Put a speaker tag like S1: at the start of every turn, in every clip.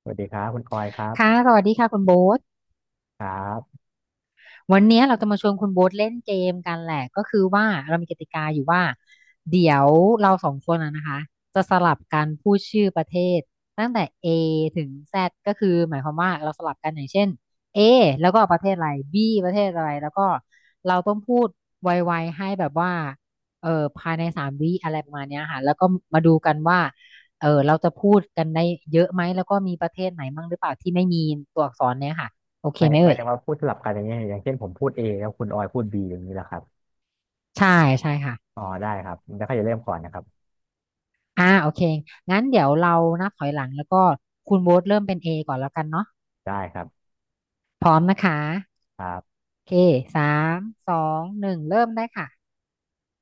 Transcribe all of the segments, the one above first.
S1: สวัสดีครับคุณออยครั
S2: ค่ะ
S1: บ
S2: สวัสดีค่ะคุณโบ๊ท
S1: ครับ
S2: วันเนี้ยเราจะมาชวนคุณโบ๊ทเล่นเกมกันแหละก็คือว่าเรามีกติกาอยู่ว่าเดี๋ยวเราสองคนนะคะจะสลับกันพูดชื่อประเทศตั้งแต่ A ถึง Z ก็คือหมายความว่าเราสลับกันอย่างเช่น A แล้วก็ประเทศอะไร B ประเทศอะไรแล้วก็เราต้องพูดไวๆให้แบบว่าภายในสามวิอะไรประมาณเนี้ยค่ะแล้วก็มาดูกันว่าเราจะพูดกันได้เยอะไหมแล้วก็มีประเทศไหนบ้างหรือเปล่าที่ไม่มีตัวอักษรเนี่ยค่ะโอเค
S1: ไม่
S2: ไหม
S1: ไม่
S2: เอ่ย
S1: ได้ว่าพูดสลับกันอย่างเงี้ยอย่างเช่นผมพูด A แล้วคุณออยพูด B อย่างนี้แหละครับ
S2: ใช่ใช่ค่ะ
S1: อ๋อได้ครับแล้วก็อย่าเริ่มก่อนนะครับ
S2: โอเคงั้นเดี๋ยวเรานับถอยหลังแล้วก็คุณโบ๊ทเริ่มเป็น A ก่อนแล้วกันเนาะ
S1: ได้ครับ
S2: พร้อมนะคะ
S1: ครับ
S2: โอเค3 2 1เริ่มได้ค่ะ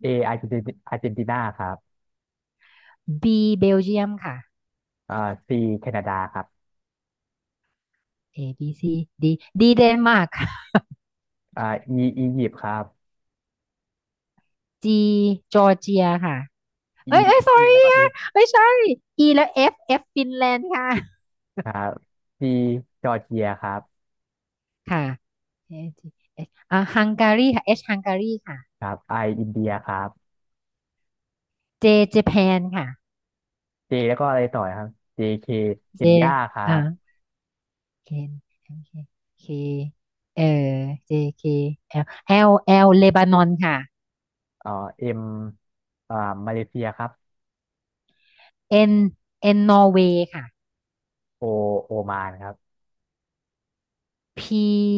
S1: A อาร์เจนตินาครับ
S2: B เบลเยียมค่ะ
S1: อ่า C แคนาดาครับ
S2: A B C D D เดนมาร์ก
S1: อ่า E อียิปต์ครับ
S2: G จอร์เจียค่ะ
S1: E
S2: เอ้ยเอ้ย
S1: E
S2: sorry
S1: แล้วก็ E
S2: อะเอ้ย sorry E แล้ว F F ฟินแลนด์ค่ะ
S1: ครับ C จอร์เจียครับ
S2: ค่ะเอ H อชฮังการีค่ะ H ฮังการีค่ะ
S1: ครับ I อินเดียครับ
S2: J ญี่ปุ่นค่ะ
S1: J แล้วก็อะไรต่อครับ JK เคเค
S2: J
S1: นยาครั
S2: อ่า
S1: บ
S2: เคนโอเคเคเออ J K L L L เลบานอนค่ะ
S1: เอ่อ M อ่ามาเลเซียครับ
S2: N N นอร์เวย์ค่ะ
S1: O โอมานครับ
S2: P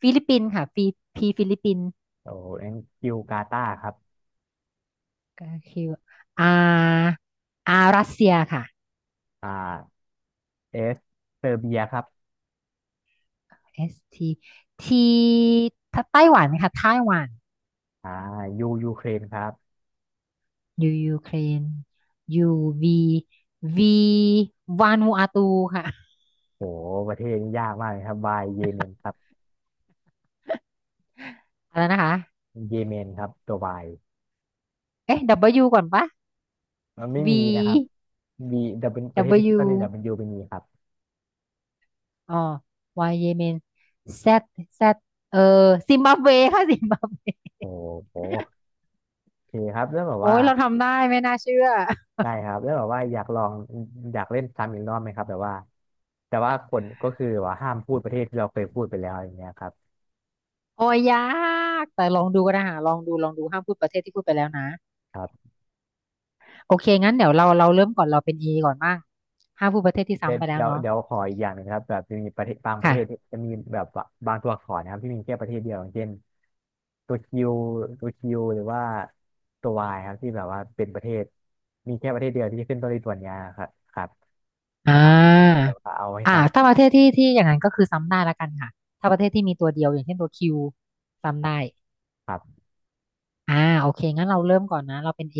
S2: ฟิลิปปินส์ค่ะ P P ฟิลิปปินส์
S1: โอ้แองกิวกาตาครับ
S2: กคือ R R รัสเซียค่ะ
S1: อ่าเอสเซอร์เบียครับ
S2: เอสที T ไต้หวันค่ะไต้หวัน
S1: อ่ายูยูเครนครับ
S2: U ยูเครน U V V วานูอาตูค่ะ
S1: โหประเทศนี้ยากมากเลยครับวายเยเมนครับ
S2: อะไรนะคะ
S1: เยเมนครับตัววาย
S2: เอ๊ะ W ก่อนปะ
S1: มันไม่มีนะครับ
S2: V
S1: บีดับเป็นประเทศที่ขึ้นต้นด้วยดับ
S2: W
S1: เป็นยูเป็นมีครับ
S2: อ๋อวายเยเมนแซดแซดเออซิมบับเวค่ะซิมบับเว
S1: โอ้โหโอเคครับแล้วแบบ
S2: โอ้
S1: ว่า
S2: ยเราทำได้ไม่น่าเชื่อ
S1: ได้ครับแล้วแบบว่าอยากลองอยากเล่นซ้ำอีกรอบไหมครับแบบว่าแต่ว่าคนก็คือว่าห้ามพูดประเทศที่เราเคยพูดไปแล้วอย่างเงี้ยครับ
S2: โอ้ยยากแต่ลองดูก็ได้หาลองดูลองดูห้ามพูดประเทศที่พูดไปแล้วนะโอเคงั้นเดี๋ยวเราเริ่มก่อนเราเป็นอก่อนบ้างห้ามพูดประเทศที่ซ้ำไปแล้วเนาะ
S1: เดี๋ยวขออีกอย่างหนึ่งนะครับแบบจะมีประเทศบางประเทศที่
S2: ค่ะ
S1: จะมีแบบว่าบางตัวอักษรนะครับที่มีแค่ประเทศเดียวอย่างเช่นตัวคิวตัวคิวหรือว่าตัววายครับที่แบบว่าเป็นประเทศมีแค่ประเทศเดียวที่ขึ้นต้นด้วยตัวเนี้ยครับครับ
S2: อ่
S1: ครับ
S2: า
S1: เอาให้ซ้
S2: ถ้าประเทศที่อย่างนั้นก็คือซ้ำได้ละกันค่ะถ้าประเทศที่มีตัวเดียวอย่างเช่นตัวคิวซ้ำได้
S1: ำครับ
S2: อ่าโอเคงั้นเราเริ่มก่อนนะเราเป็นเอ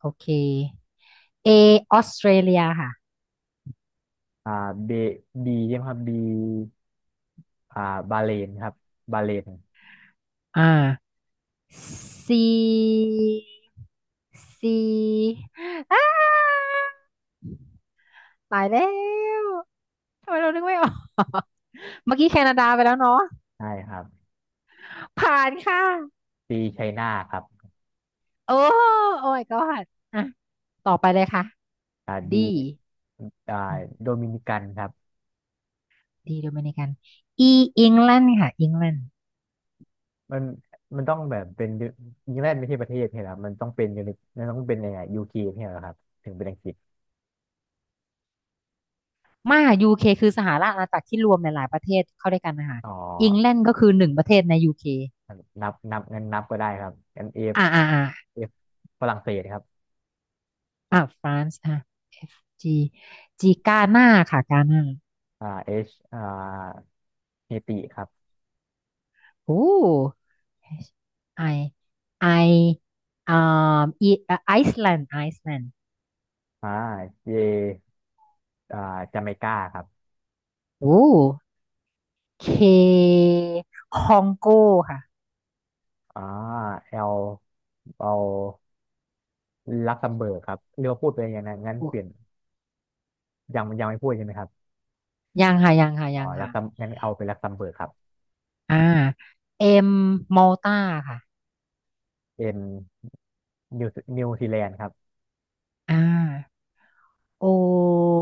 S2: โอเคเอออสเตรเลียค่ะ
S1: อ่าเบบีใช่ไหมครับบีอ่าบาเลนครับบาเลน
S2: อ่าซีซีอ้าตายแล้วทำไมเรานึกไม่ออก เมื่อกี้แคนาดาไปแล้วเนาะ
S1: ใช่ครับ
S2: ผ่านค่ะ
S1: ซีไชน่าครับ
S2: โอ้โอ้ยก็ผ่านอ่ะต่อไปเลยค่ะ
S1: ดี
S2: ดี
S1: อ่าโดมินิกันครับ
S2: ดีโดมินิกันอีอิงแลนด์ค่ะอิงแลนด์
S1: มันมันต้องแบบเป็นอิงแลนด์ไม่ใช่ประเทศใช่ไหมครับมันต้องเป็นยูนิมันต้องเป็นยังไงยูเคใช่ไหมครับถึงเป็นอังกฤษ
S2: มายูเคคือสหราชอาณาจักรที่รวมหลายๆประเทศเข้าด้วยกันนะคะ
S1: อ๋อ
S2: อิงแลนด์ก็คือหนึ่งประเทศในยูเค
S1: นับงั้นนับก็ได้ครับงั้นเอฟ
S2: อ่าอ่าอ่า
S1: เอฟฝรั่งเศสครับ
S2: อ่ะฟรานซ์อ่ะ F G G กาหน้าค่ะกาหน้า
S1: เอชเฮติครับ
S2: โอ้ H I I อ่าอีไอซ์แลนด์ไอซ์แลนด์
S1: อ่าเจอ่าจาเมกาครับ
S2: โอ้ K คองโกค่ะ
S1: อ่าเอลเอาลักเซมเบิร์กครับเรียกว่าพูดไปอย่างนั้นงั้นเปลี่ยน
S2: โอ้
S1: ยังไม่พูดใช่ไหมครับ
S2: ยังค่ะยังค่ะ
S1: อ๋อ
S2: ยัง
S1: ลัก
S2: ค่ะ
S1: เซมงั้นเอาเป็นลักเซมเบิร์กครับ
S2: อ่า M มอลตาค่ะ
S1: เอ็นนิวนิวซีแลนด์ครับ
S2: อ่า O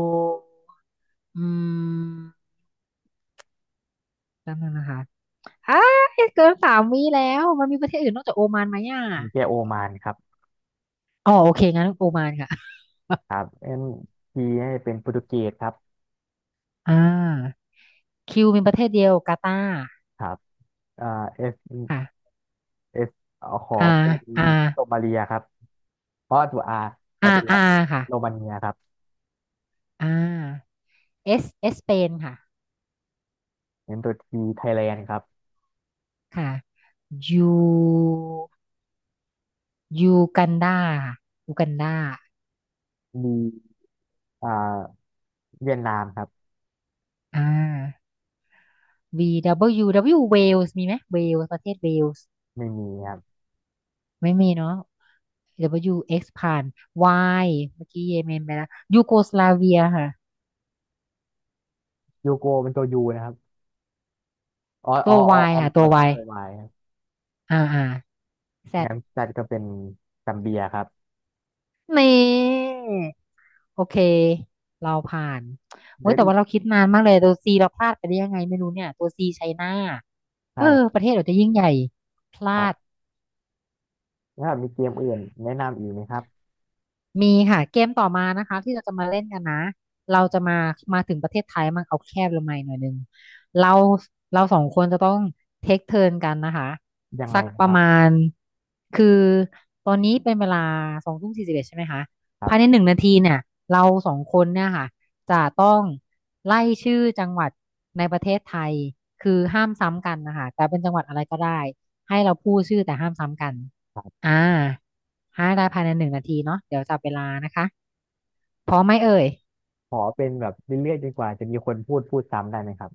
S2: อืมแป๊นงนะคะอ่าเกินสามวิแล้วมันมีประเทศอื่นนอกจากโอมานไหมอ่ะ
S1: มีแค่โอมานครับ
S2: อ๋อโอเคงั้นโอมานค่ะ
S1: ครับ M ีให้เป็นโปรตุเกสครับ
S2: อ่าคิวเป็นประเทศเดียวกาตาร์
S1: ครับอ่า S
S2: ค่ะ
S1: S เอขอ
S2: อา
S1: เป็น
S2: อา
S1: โรมาเลียครับเพราะตัว R ขอเป็น
S2: อค่ะ
S1: โรมาเนียครับ
S2: อ่าเอสเอสเปนค่ะ
S1: เน้นตัว T ไทยแลนด์ครับ
S2: ค่ะยูยูกันดาค่ะยูกันดา
S1: D อ่าเวียดนามครับ
S2: อ่า V W W เวลส์มีไหมเวลส์ประเทศเวลส์
S1: ไม่มีครับ
S2: ไม่มีเนาะ W X ผ่าน Y เมื่อกี้เยเมนไปแล้วยูโกสลาเวียค่ะ
S1: ยูโกเป็นตัว U นะครับ
S2: ตัว Y ค่ะตัว
S1: อ๋อ
S2: Y
S1: ตัว Y ครับ
S2: อ่าอ่า Z
S1: งั้นจัดก็เป็นซัมเบียครับ
S2: นี่ โอเค เราผ่านเว้
S1: และ
S2: ย แต่
S1: อี
S2: ว่า
S1: ก
S2: เราคิดนานมากเลย ตัวซีเราพลาดไปได้ยังไงไม่รู้เนี่ย ตัวซีไชน่าเอ
S1: ใช่
S2: อ ประเทศเราจะยิ่งใหญ่ พ
S1: ค
S2: ลา
S1: รั
S2: ด
S1: บถ้ามีเกมอื่นแนะนำอีกไหมครับ
S2: มีค่ะเกมต่อมานะคะที่เราจะมาเล่นกันนะเราจะมาถึงประเทศไทยมันเอาแคบลงมาอีกหน่อยหนึงเราเราสองคนจะต้องเทคเทิร์นกันนะคะ
S1: ยังไง
S2: สัก
S1: นะ
S2: ป
S1: ค
S2: ระ
S1: รับ
S2: มาณคือตอนนี้เป็นเวลา20:41ใช่ไหมคะ
S1: ค
S2: ภายใน
S1: รับ
S2: หนึ่งนาทีเนี่ยเราสองคนเนี่ยค่ะจะต้องไล่ชื่อจังหวัดในประเทศไทยคือห้ามซ้ำกันนะคะแต่เป็นจังหวัดอะไรก็ได้ให้เราพูดชื่อแต่ห้ามซ้ำกัน
S1: ครับ
S2: อ่า ให้ได้ภายใน1 นาทีเนาะเดี๋ยวจับเวลานะคะพร้อมไหมเอ่ย
S1: ขอเป็นแบบเรื่อยๆจนกว่าจะมีคนพูดซ้ำได้ไหมครับ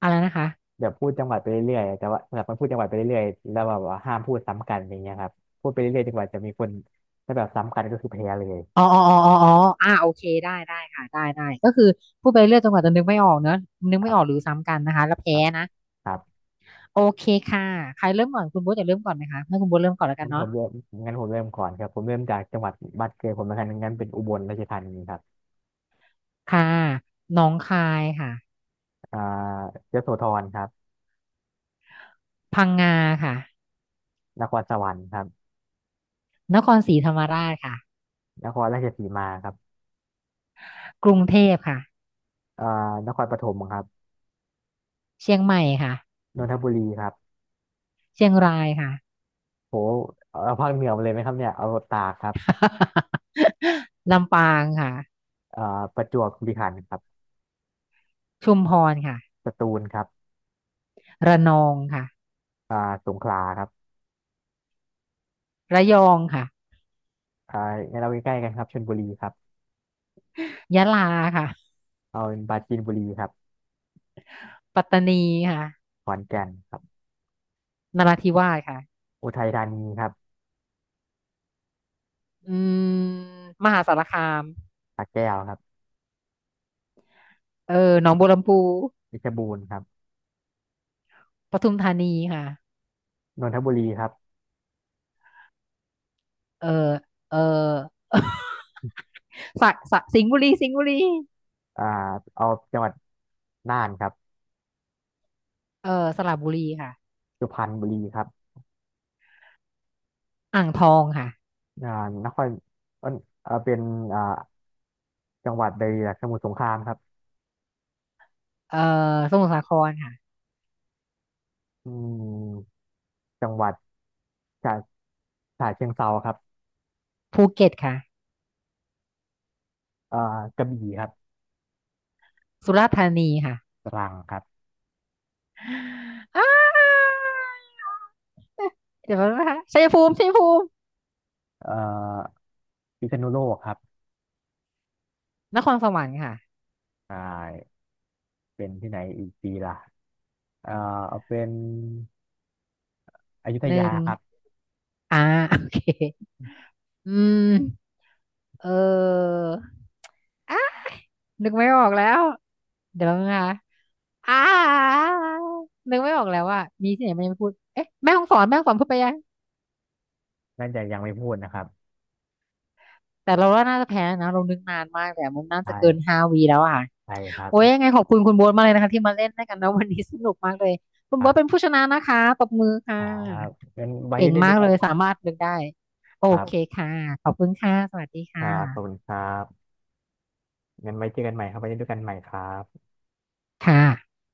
S2: อะไรนะคะ
S1: แบบพูดจังหวัดไปเรื่อยๆแต่ว่าแบบมันพูดจังหวัดไปเรื่อยๆแล้วแบบว่าห้ามพูดซ้ำกันอย่างเงี้ยครับพูดไปเรื่อยๆจนกว่าจะมีคนถ้าแบบซ้ำกันก็คือแพ้เลย
S2: อ๋ออ๋ออ๋ออ๋ออ๋อโอเคได้ค่ะได้ก็คือพูดไปเรื่อยจนกว่าจะนึกไม่ออกเนอะนึก
S1: ค
S2: ไม่
S1: รั
S2: ออกหรื
S1: บ
S2: อซ้ำกันนะคะแล้ว
S1: ค
S2: แพ้
S1: รับ
S2: นะ
S1: ครับ
S2: โอเคค่ะใครเริ่มก่อนคุณโบ๊ทจะเริ่มก่อนไหมคะให้คุณโบ๊ทเริ่มก่อนแล้วกั
S1: งั้
S2: น
S1: นผ
S2: เนาะ
S1: มเริ่มงั้นผมเริ่มก่อนครับผมเริ่มจากจังหวัดบ้านเกิดผมลกันงั้นเป็นอุบลราชธานีครับ
S2: ค่ะหนองคายค่ะ
S1: อ่ายโสธรครับ
S2: พังงาค่ะ
S1: นครสวรรค์ครับ
S2: นครศรีธรรมราชค่ะ
S1: นครราชสีมาครับ
S2: กรุงเทพค่ะ
S1: อ่านครปฐมครับ
S2: เชียงใหม่ค่ะ
S1: นนทบุรีครับ
S2: เชียงรายค่ะ
S1: โหเอาภาคเหนือมาเลยไหมครับเนี่ยเอาตากครับ
S2: ลำปางค่ะ
S1: อ่าประจวบคีรีขันธ์ครับ
S2: ชุมพรค่ะ
S1: สตูลครับ
S2: ระนองค่ะ
S1: อ่าสงขลาครับ
S2: ระยองค่ะ
S1: อ่างั้นเราใกล้ๆกันครับชลบุรีครับ
S2: ยะลาค่ะ
S1: เอาเป็นปราจีนบุรีครับ
S2: ปัตตานีค่ะ
S1: ขอนแก่นครับ
S2: นราธิวาสค่ะ
S1: อุทัยธานีครับ
S2: อืมมหาสารคาม
S1: สระแก้วครับ
S2: เออหนองบัวลำพู
S1: เพชรบูรณ์ครับ
S2: ปทุมธานีค่ะ
S1: นนทบุรีครับ
S2: เออเออ สระสระสิงห์บุรี
S1: อ่าเอาจังหวัดน่านครับ
S2: เออสระบุรีค่ะ
S1: สุพรรณบุรีครับ
S2: อ่างทองค่ะ
S1: อ่านครเอ่อเป็นอ่าจังหวัดใดล่ะสมุทรสงครามครับ
S2: เออสมุทรสาครค่ะ
S1: อืมจังหวัดฉะฉะเชิงเทราครับ
S2: ภูเก็ตค่ะ
S1: เอ่อกระบี่ครับ
S2: สุราษฎร์ธานีค่ะ
S1: ตรังครับ
S2: อ้าเดี๋ยวแป๊บนะคะชัยภูมิ
S1: เอ่อพิษณุโลกครับ
S2: นครสวรรค์ค่ะ
S1: อ่าเป็นที่ไหนอีกดีล่ะ เอ่อเอาเป็นอยุธ
S2: ห
S1: ยา
S2: นึ่ง
S1: ครับ
S2: อ่า โอเค อืมเอออ่ะนึกไม่ออกแล้วเดี๋ยวนะคะอ่านึกไม่ออกแล้วว่ามีที่ไหนมันยังไม่พูดเอ๊ะแม่ฮ่องสอนพูดไปยัง
S1: น่าจะยังไม่พูดนะครับ
S2: แต่เราว่าน่าจะแพ้นะเรานึกนานมากแต่มันน่า
S1: ใช
S2: จะเกิน
S1: ่
S2: 5 วิแล้วอ่ะ
S1: ใช่ครับ
S2: โอ้ยยังไงขอบคุณคุณโบ๊ทมากเลยนะคะที่มาเล่นด้วยกันนะวันนี้สนุกมากเลยคุณ
S1: ครั
S2: โบ๊ทเป็น
S1: บ
S2: ผู้ชนะนะคะตบมือ
S1: ค
S2: ค่ะ
S1: รับงั้นไว้
S2: เก่ง
S1: เล่นด้
S2: มา
S1: ว
S2: ก
S1: ยกั
S2: เล
S1: น
S2: ย
S1: ใหม่
S2: สามารถนึกได้โอ
S1: ครั
S2: เค
S1: บ
S2: ค่ะขอบคุณค่ะสวัสดี
S1: อ่า
S2: ค่ะ
S1: ขอบคุณครับงั้นไว้เจอกันใหม่ครับไว้เล่นด้วยกันใหม่ครับ
S2: ค่ะ